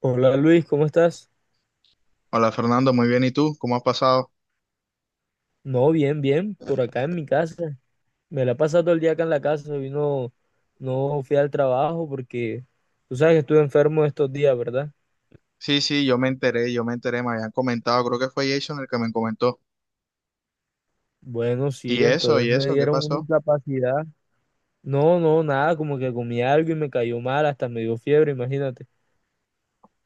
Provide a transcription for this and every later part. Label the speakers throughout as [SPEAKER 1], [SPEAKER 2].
[SPEAKER 1] Hola Luis, ¿cómo estás?
[SPEAKER 2] Hola Fernando, muy bien. ¿Y tú? ¿Cómo has pasado?
[SPEAKER 1] No, bien, bien, por acá en mi casa. Me la he pasado todo el día acá en la casa. Hoy no, no fui al trabajo porque tú sabes que estuve enfermo estos días, ¿verdad?
[SPEAKER 2] Sí, sí, yo me enteré, me habían comentado, creo que fue Jason el que me comentó.
[SPEAKER 1] Bueno,
[SPEAKER 2] ¿Y
[SPEAKER 1] sí,
[SPEAKER 2] eso?
[SPEAKER 1] entonces
[SPEAKER 2] ¿Y
[SPEAKER 1] me
[SPEAKER 2] eso? ¿Qué
[SPEAKER 1] dieron una
[SPEAKER 2] pasó?
[SPEAKER 1] incapacidad. No, no, nada, como que comí algo y me cayó mal, hasta me dio fiebre, imagínate.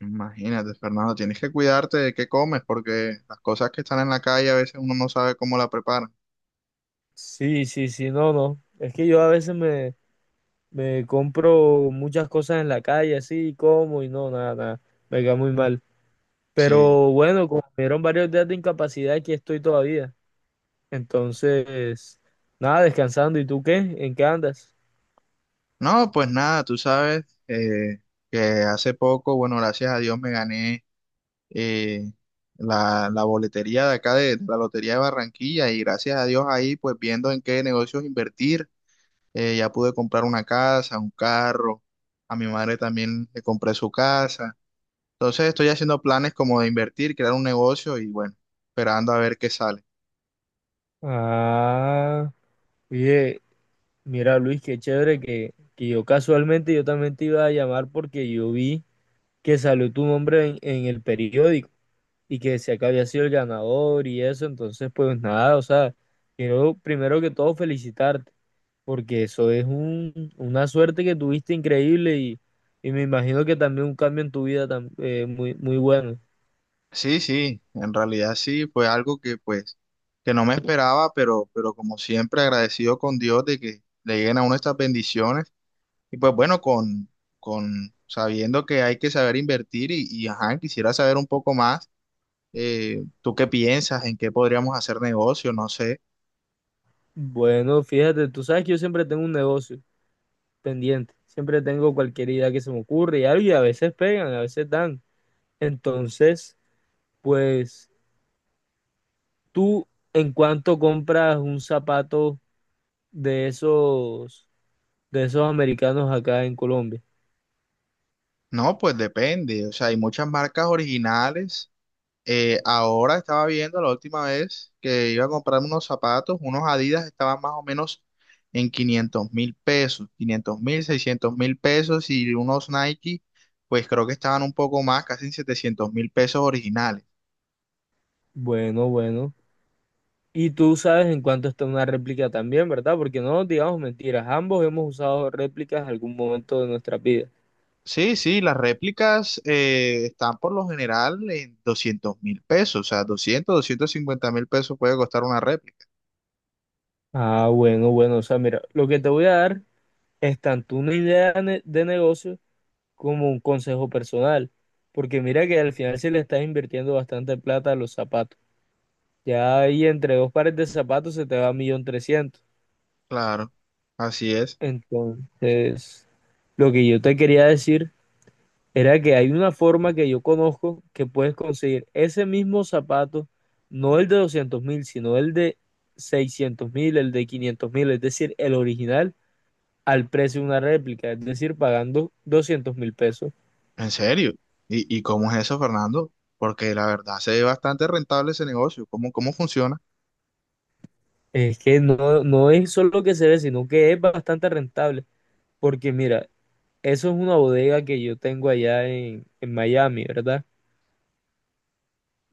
[SPEAKER 2] Imagínate, Fernando, tienes que cuidarte de qué comes, porque las cosas que están en la calle a veces uno no sabe cómo la preparan.
[SPEAKER 1] Sí, sí, sí, no, no. Es que yo a veces me compro muchas cosas en la calle, así, como y no, nada, nada. Me cae muy mal.
[SPEAKER 2] Sí.
[SPEAKER 1] Pero bueno, como me dieron varios días de incapacidad, aquí estoy todavía. Entonces, nada, descansando. ¿Y tú qué? ¿En qué andas?
[SPEAKER 2] No, pues nada, tú sabes que hace poco, bueno, gracias a Dios me gané eh, la boletería de acá de la Lotería de Barranquilla y gracias a Dios ahí, pues viendo en qué negocios invertir. Ya pude comprar una casa, un carro, a mi madre también le compré su casa. Entonces estoy haciendo planes como de invertir, crear un negocio y bueno, esperando a ver qué sale.
[SPEAKER 1] Ah, oye, mira Luis, qué chévere que yo casualmente yo también te iba a llamar porque yo vi que salió tu nombre en el periódico y que decía que había sido el ganador y eso. Entonces, pues nada, o sea, quiero primero que todo felicitarte, porque eso es una suerte que tuviste increíble y me imagino que también un cambio en tu vida muy, muy bueno.
[SPEAKER 2] Sí, sí, en realidad sí, fue algo que pues que no me esperaba, pero como siempre agradecido con Dios de que le lleguen a uno estas bendiciones y pues bueno, con sabiendo que hay que saber invertir y ajá, quisiera saber un poco más, ¿tú qué piensas? ¿En qué podríamos hacer negocio? No sé.
[SPEAKER 1] Bueno, fíjate, tú sabes que yo siempre tengo un negocio pendiente, siempre tengo cualquier idea que se me ocurre y algo, y a veces pegan, a veces dan. Entonces, pues tú en cuánto compras un zapato de esos, de esos americanos acá en Colombia.
[SPEAKER 2] No, pues depende. O sea, hay muchas marcas originales. Ahora estaba viendo la última vez que iba a comprar unos zapatos, unos Adidas estaban más o menos en $500.000, 500.000, $600.000 y unos Nike, pues creo que estaban un poco más, casi en $700.000 originales.
[SPEAKER 1] Bueno, bueno. Y tú sabes en cuánto está una réplica también, ¿verdad? Porque no nos digamos mentiras, ambos hemos usado réplicas en algún momento de nuestra vida.
[SPEAKER 2] Sí, sí, las réplicas están por lo general en $200.000, o sea, doscientos, $250.000 puede costar una réplica.
[SPEAKER 1] Ah, bueno, bueno, o sea, mira, lo que te voy a dar es tanto una de negocio como un consejo personal, porque mira que al final se le estás invirtiendo bastante plata a los zapatos. Ya ahí entre dos pares de zapatos se te va 1.300.000.
[SPEAKER 2] Claro, así es.
[SPEAKER 1] Entonces, lo que yo te quería decir era que hay una forma que yo conozco que puedes conseguir ese mismo zapato, no el de 200.000, sino el de 600.000, el de 500.000, es decir, el original al precio de una réplica, es decir, pagando 200.000 pesos.
[SPEAKER 2] En serio. ¿Y cómo es eso, Fernando? Porque la verdad se ve bastante rentable ese negocio. ¿Cómo funciona?
[SPEAKER 1] Es que no, no es solo que se ve, sino que es bastante rentable, porque mira, eso es una bodega que yo tengo allá en Miami, ¿verdad?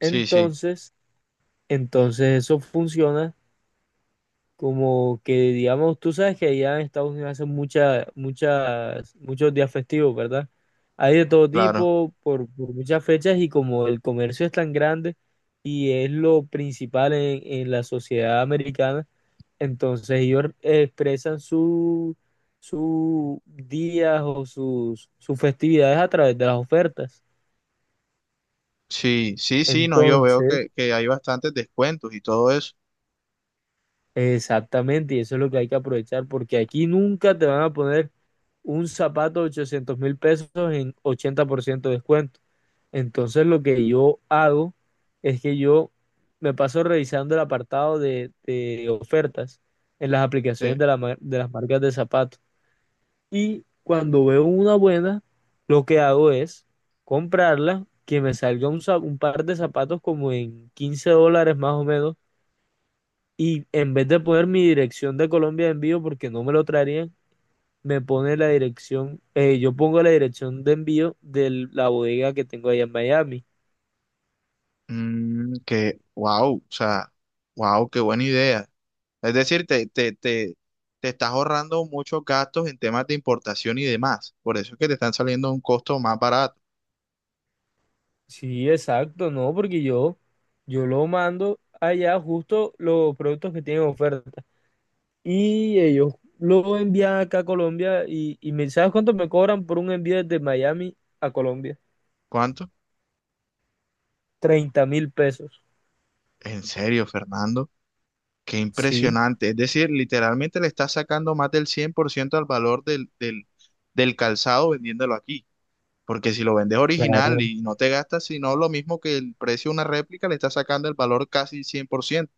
[SPEAKER 2] Sí, sí,
[SPEAKER 1] entonces eso funciona como que digamos, tú sabes que allá en Estados Unidos hacen muchos días festivos, ¿verdad? Hay de todo
[SPEAKER 2] claro.
[SPEAKER 1] tipo, por muchas fechas, y como el comercio es tan grande y es lo principal en la sociedad americana, entonces ellos expresan sus días o sus festividades a través de las ofertas.
[SPEAKER 2] Sí, sí, sí, no, yo veo
[SPEAKER 1] Entonces,
[SPEAKER 2] que hay bastantes descuentos y todo eso.
[SPEAKER 1] exactamente, y eso es lo que hay que aprovechar, porque aquí nunca te van a poner un zapato de 800.000 pesos en 80% de descuento. Entonces lo que yo hago es que yo me paso revisando el apartado de ofertas en las aplicaciones
[SPEAKER 2] Sí.
[SPEAKER 1] de las marcas de zapatos. Y cuando veo una buena, lo que hago es comprarla, que me salga un par de zapatos como en 15 dólares más o menos, y en vez de poner mi dirección de Colombia de envío, porque no me lo traerían, me pone la dirección, yo pongo la dirección de envío de la bodega que tengo allá en Miami.
[SPEAKER 2] Wow, o sea, wow, qué buena idea. Es decir, te estás ahorrando muchos gastos en temas de importación y demás. Por eso es que te están saliendo a un costo más barato.
[SPEAKER 1] Sí, exacto, no, porque yo lo mando allá justo los productos que tienen oferta. Y ellos lo envían acá a Colombia y me, ¿sabes cuánto me cobran por un envío desde Miami a Colombia?
[SPEAKER 2] ¿Cuánto?
[SPEAKER 1] 30.000 pesos.
[SPEAKER 2] En serio, Fernando. Qué
[SPEAKER 1] Sí.
[SPEAKER 2] impresionante. Es decir, literalmente le está sacando más del 100% al valor del calzado vendiéndolo aquí. Porque si lo vendes original
[SPEAKER 1] Claro,
[SPEAKER 2] y no te gastas, sino lo mismo que el precio de una réplica, le está sacando el valor casi 100%.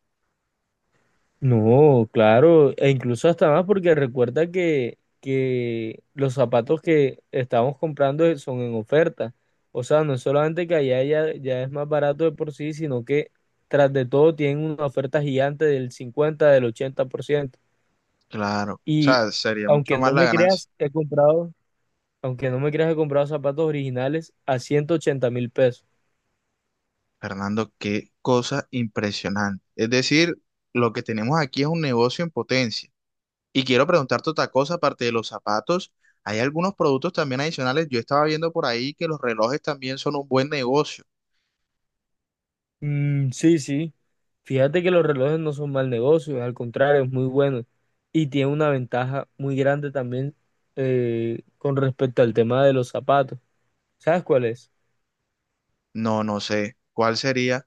[SPEAKER 1] no, claro, e incluso hasta más porque recuerda que los zapatos que estamos comprando son en oferta. O sea, no es solamente que allá ya, ya es más barato de por sí, sino que tras de todo tienen una oferta gigante del cincuenta, del 80%.
[SPEAKER 2] Claro. O
[SPEAKER 1] Y
[SPEAKER 2] sea, sería mucho
[SPEAKER 1] aunque
[SPEAKER 2] más
[SPEAKER 1] no
[SPEAKER 2] la
[SPEAKER 1] me
[SPEAKER 2] ganancia.
[SPEAKER 1] creas, he comprado, aunque no me creas, he comprado zapatos originales a 180.000 pesos.
[SPEAKER 2] Fernando, qué cosa impresionante. Es decir, lo que tenemos aquí es un negocio en potencia. Y quiero preguntarte otra cosa, aparte de los zapatos, hay algunos productos también adicionales. Yo estaba viendo por ahí que los relojes también son un buen negocio.
[SPEAKER 1] Mm, sí, sí. Fíjate que los relojes no son mal negocio, al contrario, es muy bueno y tiene una ventaja muy grande también, con respecto al tema de los zapatos. ¿Sabes cuál es?
[SPEAKER 2] No, no sé. ¿Cuál sería?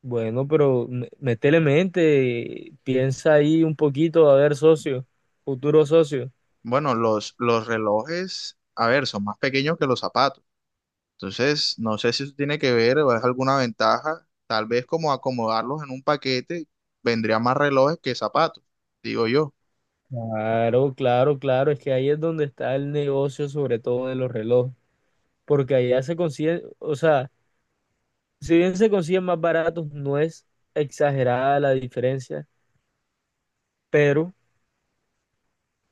[SPEAKER 1] Bueno, pero métele mente, piensa ahí un poquito, a ver, socio, futuro socio.
[SPEAKER 2] Bueno, los relojes, a ver, son más pequeños que los zapatos. Entonces, no sé si eso tiene que ver o es alguna ventaja. Tal vez como acomodarlos en un paquete, vendría más relojes que zapatos, digo yo.
[SPEAKER 1] Claro, claro, claro, es que ahí es donde está el negocio, sobre todo de los relojes, porque allá se consiguen, o sea, si bien se consiguen más baratos, no es exagerada la diferencia, pero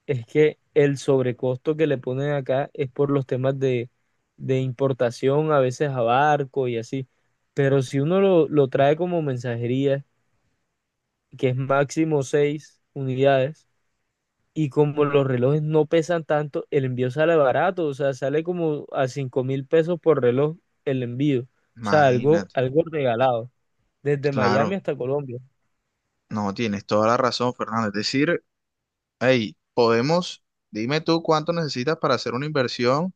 [SPEAKER 1] es que el sobrecosto que le ponen acá es por los temas de importación, a veces a barco y así. Pero si uno lo trae como mensajería, que es máximo 6 unidades, y como los relojes no pesan tanto, el envío sale barato, o sea, sale como a 5.000 pesos por reloj el envío. O sea, algo,
[SPEAKER 2] Imagínate.
[SPEAKER 1] algo regalado, desde Miami
[SPEAKER 2] Claro,
[SPEAKER 1] hasta Colombia.
[SPEAKER 2] no, tienes toda la razón, Fernando. Es decir, hey, dime tú cuánto necesitas para hacer una inversión.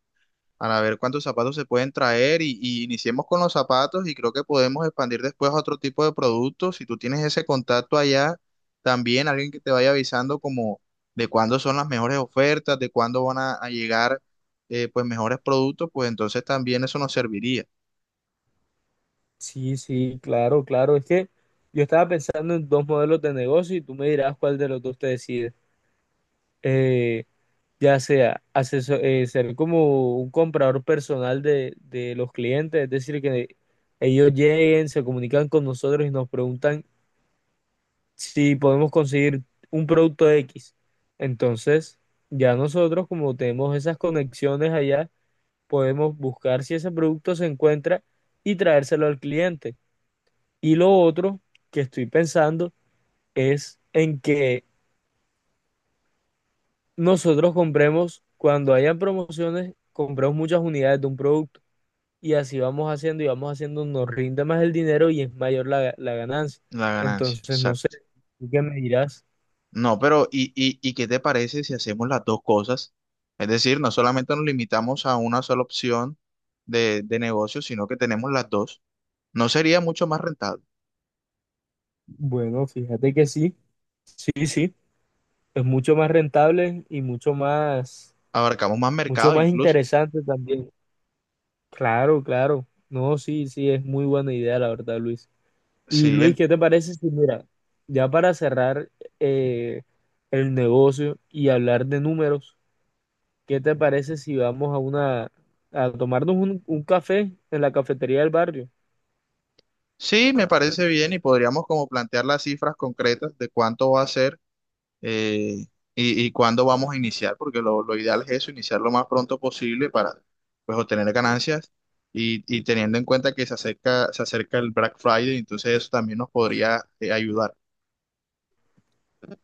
[SPEAKER 2] Para ver cuántos zapatos se pueden traer y iniciemos con los zapatos y creo que podemos expandir después a otro tipo de productos. Si tú tienes ese contacto allá, también alguien que te vaya avisando como de cuándo son las mejores ofertas, de cuándo van a llegar pues mejores productos, pues entonces también eso nos serviría,
[SPEAKER 1] Sí, sí, claro, claro. Es que yo estaba pensando en dos modelos de negocio y tú me dirás cuál de los dos te decides. Eh, ya sea ser como un comprador personal de los clientes, es decir, que ellos lleguen, se comunican con nosotros y nos preguntan si podemos conseguir un producto X. Entonces, ya nosotros, como tenemos esas conexiones allá, podemos buscar si ese producto se encuentra y traérselo al cliente. Y lo otro que estoy pensando es en que nosotros compremos, cuando hayan promociones, compremos muchas unidades de un producto, y así vamos haciendo y vamos haciendo, nos rinde más el dinero y es mayor la ganancia.
[SPEAKER 2] la ganancia.
[SPEAKER 1] Entonces, no sé,
[SPEAKER 2] Exacto.
[SPEAKER 1] ¿tú qué me dirás?
[SPEAKER 2] No, pero ¿y qué te parece si hacemos las dos cosas? Es decir, no solamente nos limitamos a una sola opción de negocio, sino que tenemos las dos. ¿No sería mucho más rentable?
[SPEAKER 1] Bueno, fíjate que sí, sí, sí, es mucho más rentable y
[SPEAKER 2] Abarcamos más
[SPEAKER 1] mucho
[SPEAKER 2] mercado
[SPEAKER 1] más
[SPEAKER 2] incluso.
[SPEAKER 1] interesante también. Claro, claro. No, sí, sí, es muy buena idea, la verdad, Luis. Y
[SPEAKER 2] Sí,
[SPEAKER 1] Luis,
[SPEAKER 2] en-
[SPEAKER 1] ¿qué te parece si, mira, ya para cerrar eh, el negocio y hablar de números, ¿qué te parece si vamos a a tomarnos un café en la cafetería del barrio?
[SPEAKER 2] sí, me parece bien y podríamos como plantear las cifras concretas de cuánto va a ser eh, y cuándo vamos a iniciar, porque lo ideal es eso, iniciar lo más pronto posible para pues obtener ganancias y teniendo en cuenta que se acerca el Black Friday, entonces eso también nos podría ayudar.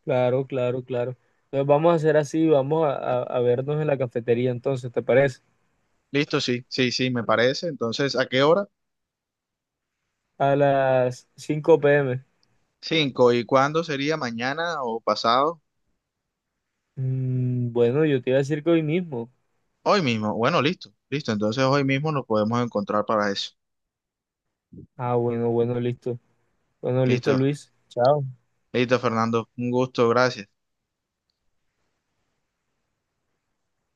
[SPEAKER 1] Claro, claro, claro. Entonces vamos a hacer así, vamos a vernos en la cafetería entonces, ¿te parece?
[SPEAKER 2] Listo, sí, sí, sí, me parece. Entonces, ¿a qué hora?
[SPEAKER 1] A las 5 p.m.
[SPEAKER 2] 5. ¿Y cuándo sería? ¿Mañana o pasado?
[SPEAKER 1] Bueno, yo te iba a decir que hoy mismo.
[SPEAKER 2] Hoy mismo. Bueno, listo, listo. Entonces hoy mismo nos podemos encontrar para eso.
[SPEAKER 1] Ah, bueno, bueno, listo. Bueno, listo,
[SPEAKER 2] Listo,
[SPEAKER 1] Luis. Chao.
[SPEAKER 2] listo, Fernando. Un gusto, gracias.